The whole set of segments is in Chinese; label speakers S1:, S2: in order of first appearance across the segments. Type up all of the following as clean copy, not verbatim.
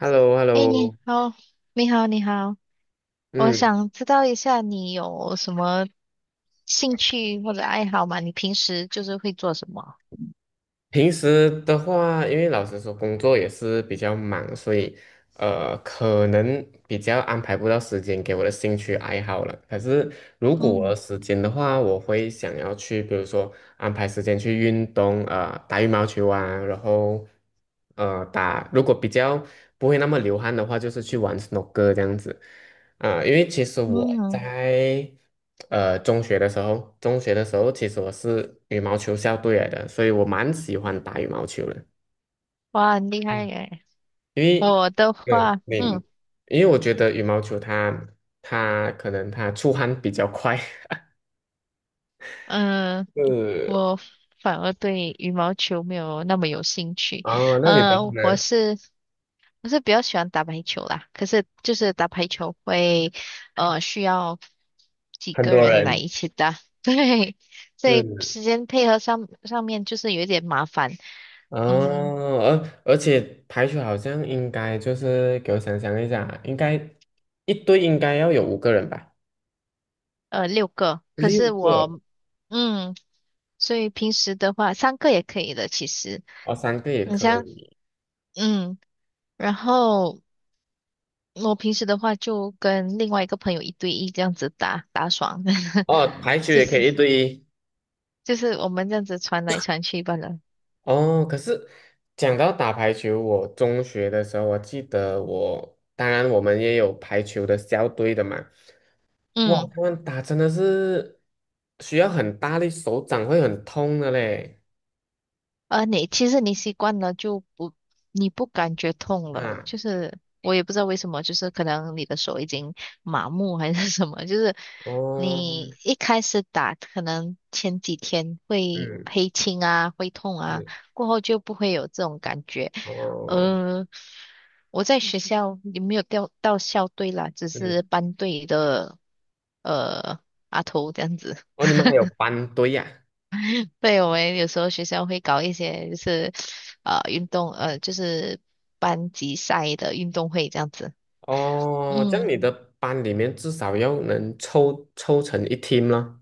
S1: h e l l o h e l l o。
S2: 哎，你好，你好，你好，我
S1: 嗯，
S2: 想知道一下你有什么兴趣或者爱好吗？你平时就是会做什么？
S1: 平时的话，因为老实说，工作也是比较忙，所以可能比较安排不到时间给我的兴趣爱好了。可是如果我
S2: 嗯
S1: 有时间的话，我会想要去，比如说安排时间去运动，打羽毛球啊，然后打，如果比较不会那么流汗的话，就是去玩 snooker 这样子。啊，因为其实我
S2: 嗯，
S1: 在中学的时候，中学的时候其实我是羽毛球校队来的，所以我蛮喜欢打羽毛球的。
S2: 哇，很厉害
S1: 嗯，
S2: 耶！
S1: 因为，
S2: 我的
S1: 对，
S2: 话，
S1: 你，因为我觉得羽毛球它它可能出汗比较快。
S2: 嗯，
S1: 是，
S2: 我反而对羽毛球没有那么有兴趣。
S1: 哦，那你的话
S2: 嗯，
S1: 呢？
S2: 我是比较喜欢打排球啦，可是就是打排球会，需要几
S1: 很
S2: 个
S1: 多
S2: 人来
S1: 人
S2: 一起打，对，所以
S1: 是，
S2: 时间配合上上面就是有一点麻烦，嗯，
S1: 哦，而且排球好像应该就是给我想想一下啊，应该一队应该要有5个人吧？
S2: 六个，可
S1: 六
S2: 是
S1: 个
S2: 我，嗯，所以平时的话三个也可以的，其实
S1: 哦，3个也
S2: 你
S1: 可
S2: 像，
S1: 以。
S2: 嗯，然后我平时的话就跟另外一个朋友一对一这样子打打爽，
S1: 哦，排球
S2: 就
S1: 也可
S2: 是
S1: 以一对一。
S2: 就是我们这样子传来传去罢了，
S1: 哦，可是讲到打排球，我中学的时候，我记得我，当然我们也有排球的校队的嘛。哇，
S2: 嗯。
S1: 他们打真的是需要很大力，手掌会很痛的嘞。
S2: 你其实你习惯了就不，你不感觉痛了，
S1: 啊，
S2: 就是我也不知道为什么，就是可能你的手已经麻木还是什么，就是
S1: 哦，
S2: 你一开始打，可能前几天会
S1: 嗯，
S2: 黑青啊，会痛啊，
S1: 是，
S2: 过后就不会有这种感觉。
S1: 哦，
S2: 呃，我在学校也没有调到校队啦，只
S1: 嗯，
S2: 是班队的呃阿头这样子。
S1: 哦，你们还 有班队呀、
S2: 对，我们有时候学校会搞一些就是运动就是班级赛的运动会这样子。
S1: 哦，这样
S2: 嗯，
S1: 你的班里面至少要能凑成一 team 了。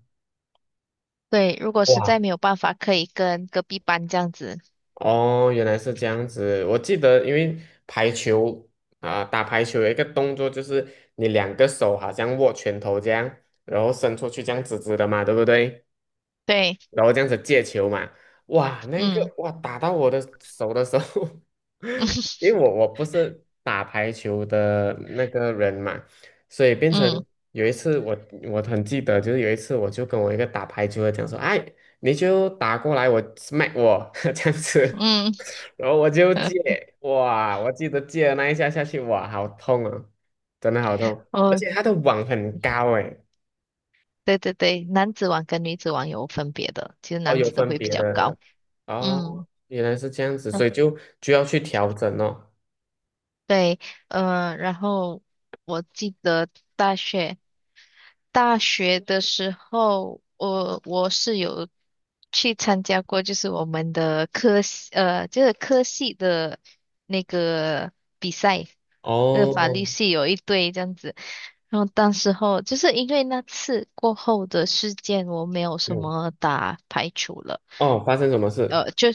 S2: 对，如果实
S1: 哇，
S2: 在没有办法，可以跟隔壁班这样子。
S1: 哦，原来是这样子。我记得，因为排球啊、打排球有一个动作，就是你两个手好像握拳头这样，然后伸出去这样直直的嘛，对不对？
S2: 对，
S1: 然后这样子借球嘛，哇，那个
S2: 嗯
S1: 哇打到我的手的时候，因为我不是打排球的那个人嘛，所以变成
S2: 嗯
S1: 有一次我很记得，就是有一次我就跟我一个打排球的讲说，哎，你就打过来我 smack 我 这样子，
S2: 嗯，
S1: 然后我就借，哇，我记得借了那一下下去，哇，好痛啊，真的好痛，而
S2: 哦，
S1: 且他的网很高诶，
S2: 对对对，男子网跟女子网有分别的，其实
S1: 哦，
S2: 男
S1: 有
S2: 子的
S1: 分
S2: 会比
S1: 别
S2: 较
S1: 的。
S2: 高。
S1: 哦，
S2: 嗯，
S1: 原来是这样 子，所
S2: 嗯
S1: 以就要去调整哦。
S2: 对，然后我记得大学。大学的时候，我是有去参加过，就是我们的科系，就是科系的那个比赛，那法
S1: 哦，
S2: 律系有一队这样子。然后当时候就是因为那次过后的事件，我没有什
S1: 嗯，
S2: 么打排除了。
S1: 哦，发生什么事？
S2: 呃，就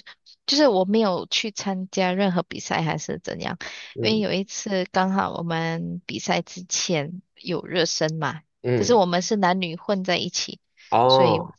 S2: 就是我没有去参加任何比赛还是怎样，因为
S1: 嗯
S2: 有一次刚好我们比赛之前有热身嘛，可是
S1: 嗯，
S2: 我们是男女混在一起，所以
S1: 哦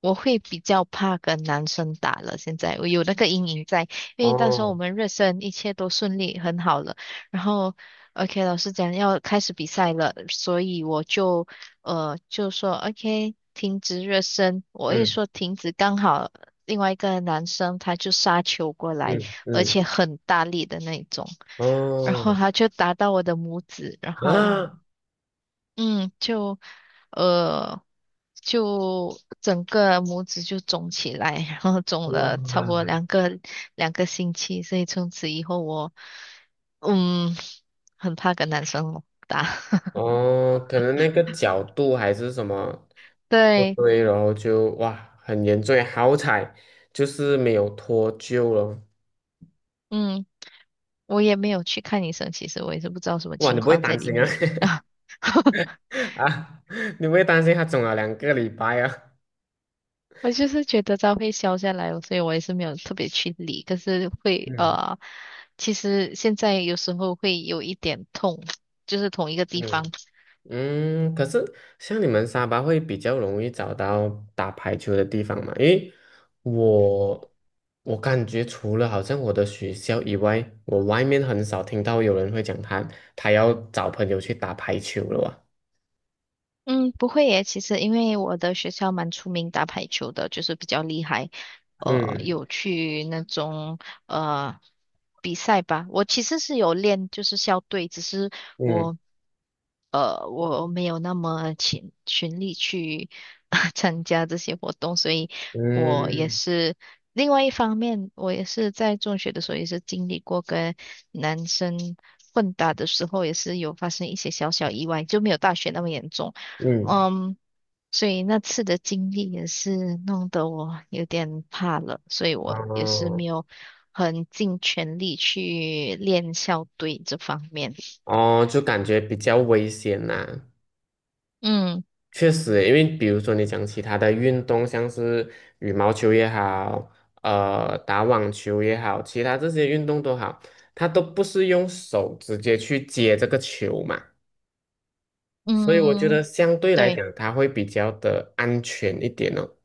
S2: 我会比较怕跟男生打了。现在我有那个阴影在，因为到时候我
S1: 哦，
S2: 们热身一切都顺利很好了，然后 OK 老师讲要开始比赛了，所以我就。就说 OK，停止热身。我一
S1: 嗯
S2: 说停止，刚好另外一个男生他就杀球过来，
S1: 嗯
S2: 而
S1: 嗯，
S2: 且很大力的那种，然后
S1: 哦，
S2: 他就打到我的拇指，然后
S1: 啊，
S2: 嗯，就呃就整个拇指就肿起来，然后肿
S1: 哇，
S2: 了超过两个星期，所以从此以后我嗯很怕跟男生打，
S1: 哦，可能那个角度还是什么不
S2: 对，
S1: 对，然后就哇很严重，好彩就是没有脱臼了。
S2: 嗯，我也没有去看医生，其实我也是不知道什么
S1: 哇，你
S2: 情
S1: 不会
S2: 况在
S1: 担
S2: 里
S1: 心啊？
S2: 面 啊。
S1: 啊，你不会担心他肿了2个礼拜啊？
S2: 我就是觉得它会消下来哦，所以我也是没有特别去理。可是会
S1: 嗯
S2: 其实现在有时候会有一点痛，就是同一个地
S1: 嗯。
S2: 方。
S1: 嗯，可是像你们沙巴会比较容易找到打排球的地方嘛？因为我我感觉除了好像我的学校以外，我外面很少听到有人会讲他要找朋友去打排球了啊。
S2: 嗯，不会耶。其实因为我的学校蛮出名打排球的，就是比较厉害，
S1: 嗯
S2: 有去那种呃比赛吧。我其实是有练，就是校队，只是
S1: 嗯
S2: 我我没有那么勤勤力去 参加这些活动，所以我也
S1: 嗯
S2: 是另外一方面，我也是在中学的时候也是经历过跟男生混打的时候，也是有发生一些小小意外，就没有大学那么严重。
S1: 嗯，
S2: 嗯，所以那次的经历也是弄得我有点怕了，所以我也是没
S1: 哦
S2: 有很尽全力去练校队这方面。
S1: 哦，就感觉比较危险呐、
S2: 嗯
S1: 确实诶因为比如说你讲其他的运动，像是羽毛球也好，打网球也好，其他这些运动都好，它都不是用手直接去接这个球嘛，所以我觉得
S2: 嗯，
S1: 相对来
S2: 对，
S1: 讲，它会比较的安全一点哦。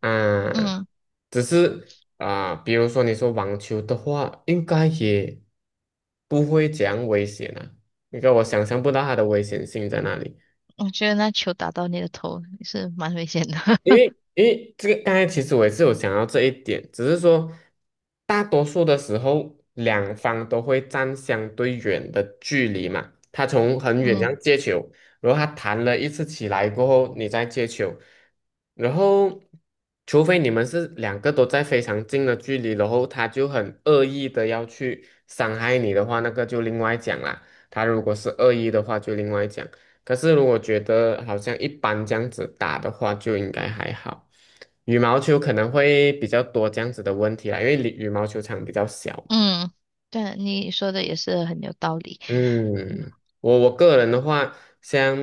S1: 啊，
S2: 嗯，
S1: 只是啊，比如说你说网球的话，应该也不会讲危险啊，因为我想象不到它的危险性在哪里。
S2: 我觉得那球打到你的头也是蛮危险的。
S1: 因 为因为这个，刚才其实我也是有想到这一点，只是说大多数的时候，两方都会站相对远的距离嘛。他从很远这
S2: 嗯
S1: 样接球，然后他弹了一次起来过后，你再接球，然后除非你们是两个都在非常近的距离，然后他就很恶意的要去伤害你的话，那个就另外讲啦。他如果是恶意的话，就另外讲。可是如果觉得好像一般这样子打的话，就应该还好。羽毛球可能会比较多这样子的问题啦，因为羽毛球场比较小嘛。
S2: 嗯，对，你说的也是很有道理。
S1: 嗯，我个人的话，像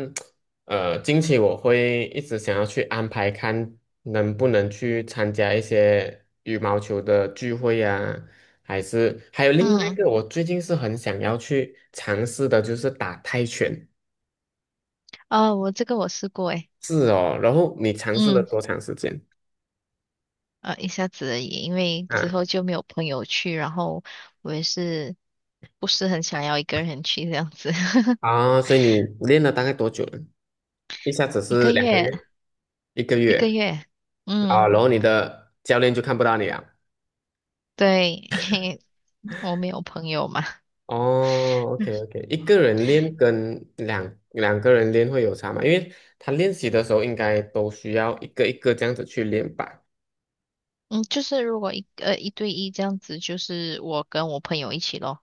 S1: 近期我会一直想要去安排，看能不能去参加一些羽毛球的聚会呀、还是还有另外一
S2: 嗯，
S1: 个，我最近是很想要去尝试的，就是打泰拳。
S2: 啊，我这个我试过诶。
S1: 是哦，然后你尝试了
S2: 嗯，
S1: 多长时间？
S2: 一下子而已，因为之后
S1: 啊？
S2: 就没有朋友去，然后我也是不是很想要一个人去这样子，
S1: 啊，所以你练了大概多久呢？一下子
S2: 一
S1: 是
S2: 个
S1: 两个
S2: 月，
S1: 月，一个
S2: 一个
S1: 月
S2: 月，
S1: 啊，
S2: 嗯，
S1: 然后你的教练就看不到你啊。
S2: 对，我没有朋友嘛，
S1: 哦，OK OK,一个人练跟两个人练会有差吗？因为他练习的时候应该都需要一个一个这样子去练吧。
S2: 嗯，就是如果一对一这样子，就是我跟我朋友一起咯，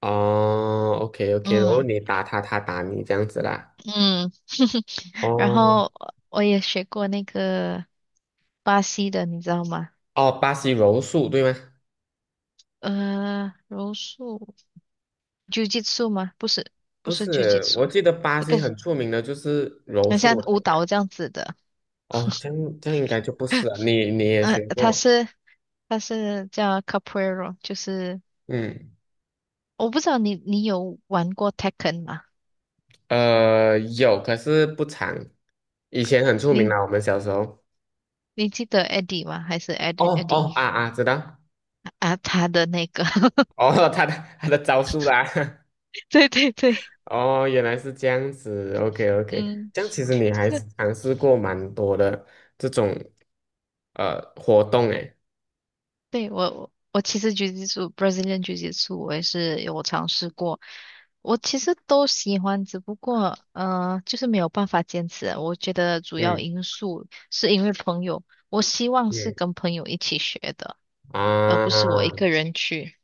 S1: 哦，OK OK,然后
S2: 嗯
S1: 你打他，他打你这样子啦。
S2: 嗯，然
S1: 哦
S2: 后我也学过那个巴西的，你知道吗？
S1: 哦，巴西柔术对吗？
S2: 柔术，Jiu-Jitsu 吗？不是，不
S1: 不
S2: 是
S1: 是，我
S2: Jiu-Jitsu，
S1: 记得巴
S2: 那个
S1: 西很出名的就是柔
S2: 很像
S1: 术了。
S2: 舞
S1: 应该。
S2: 蹈这样子的。
S1: 哦，这样这样应该就不是了。你你也
S2: 呃，
S1: 学
S2: 他
S1: 过。
S2: 是他是叫 Capoeira，就是
S1: 嗯，
S2: 我不知道你有玩过 Tekken 吗？
S1: 有，可是不长。以前很出名
S2: 你
S1: 啦，我们小时候。
S2: 你记得 Eddie 吗？还是 Ed
S1: 哦
S2: Eddie
S1: 哦啊啊，知道。
S2: 啊？他的那个，
S1: 哦，他的招数啦。
S2: 对对对，
S1: 哦，原来是这样子。OK OK,
S2: 嗯，
S1: 这样其实你还
S2: 是，
S1: 是尝试过蛮多的这种活动诶。
S2: 对，我其实狙击术 Brazilian 狙击术我也是有尝试过，我其实都喜欢，只不过就是没有办法坚持啊。我觉得主要
S1: 嗯
S2: 因素是因为朋友，我希望是
S1: 嗯，
S2: 跟朋友一起学的，而不是我一
S1: 啊，
S2: 个人去。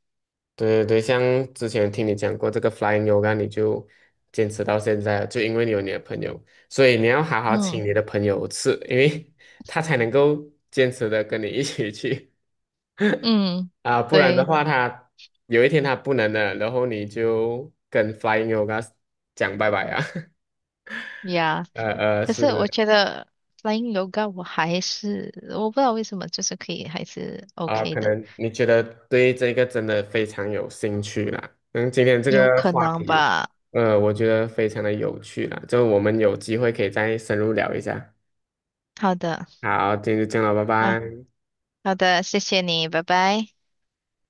S1: 对对对，像之前听你讲过这个 Flying Yoga,你就坚持到现在了，就因为你有你的朋友，所以你要好好
S2: 嗯
S1: 请你的朋友吃，因为 他才能够坚持的跟你一起去。
S2: 嗯，
S1: 啊，不然的
S2: 对
S1: 话他有一天他不能了，然后你就跟 Flying Yoga 讲拜拜啊，
S2: 呀。可是我
S1: 是。
S2: 觉得 Flying Yoga 我还是我不知道为什么，就是可以还是
S1: 啊，
S2: OK
S1: 可
S2: 的，
S1: 能你觉得对这个真的非常有兴趣啦。嗯，今天这
S2: 有
S1: 个
S2: 可
S1: 话
S2: 能
S1: 题，
S2: 吧。
S1: 我觉得非常的有趣啦，就我们有机会可以再深入聊一下。
S2: 好的，
S1: 好，今天就这样了，拜
S2: 啊，
S1: 拜。
S2: 好的，谢谢你，拜拜。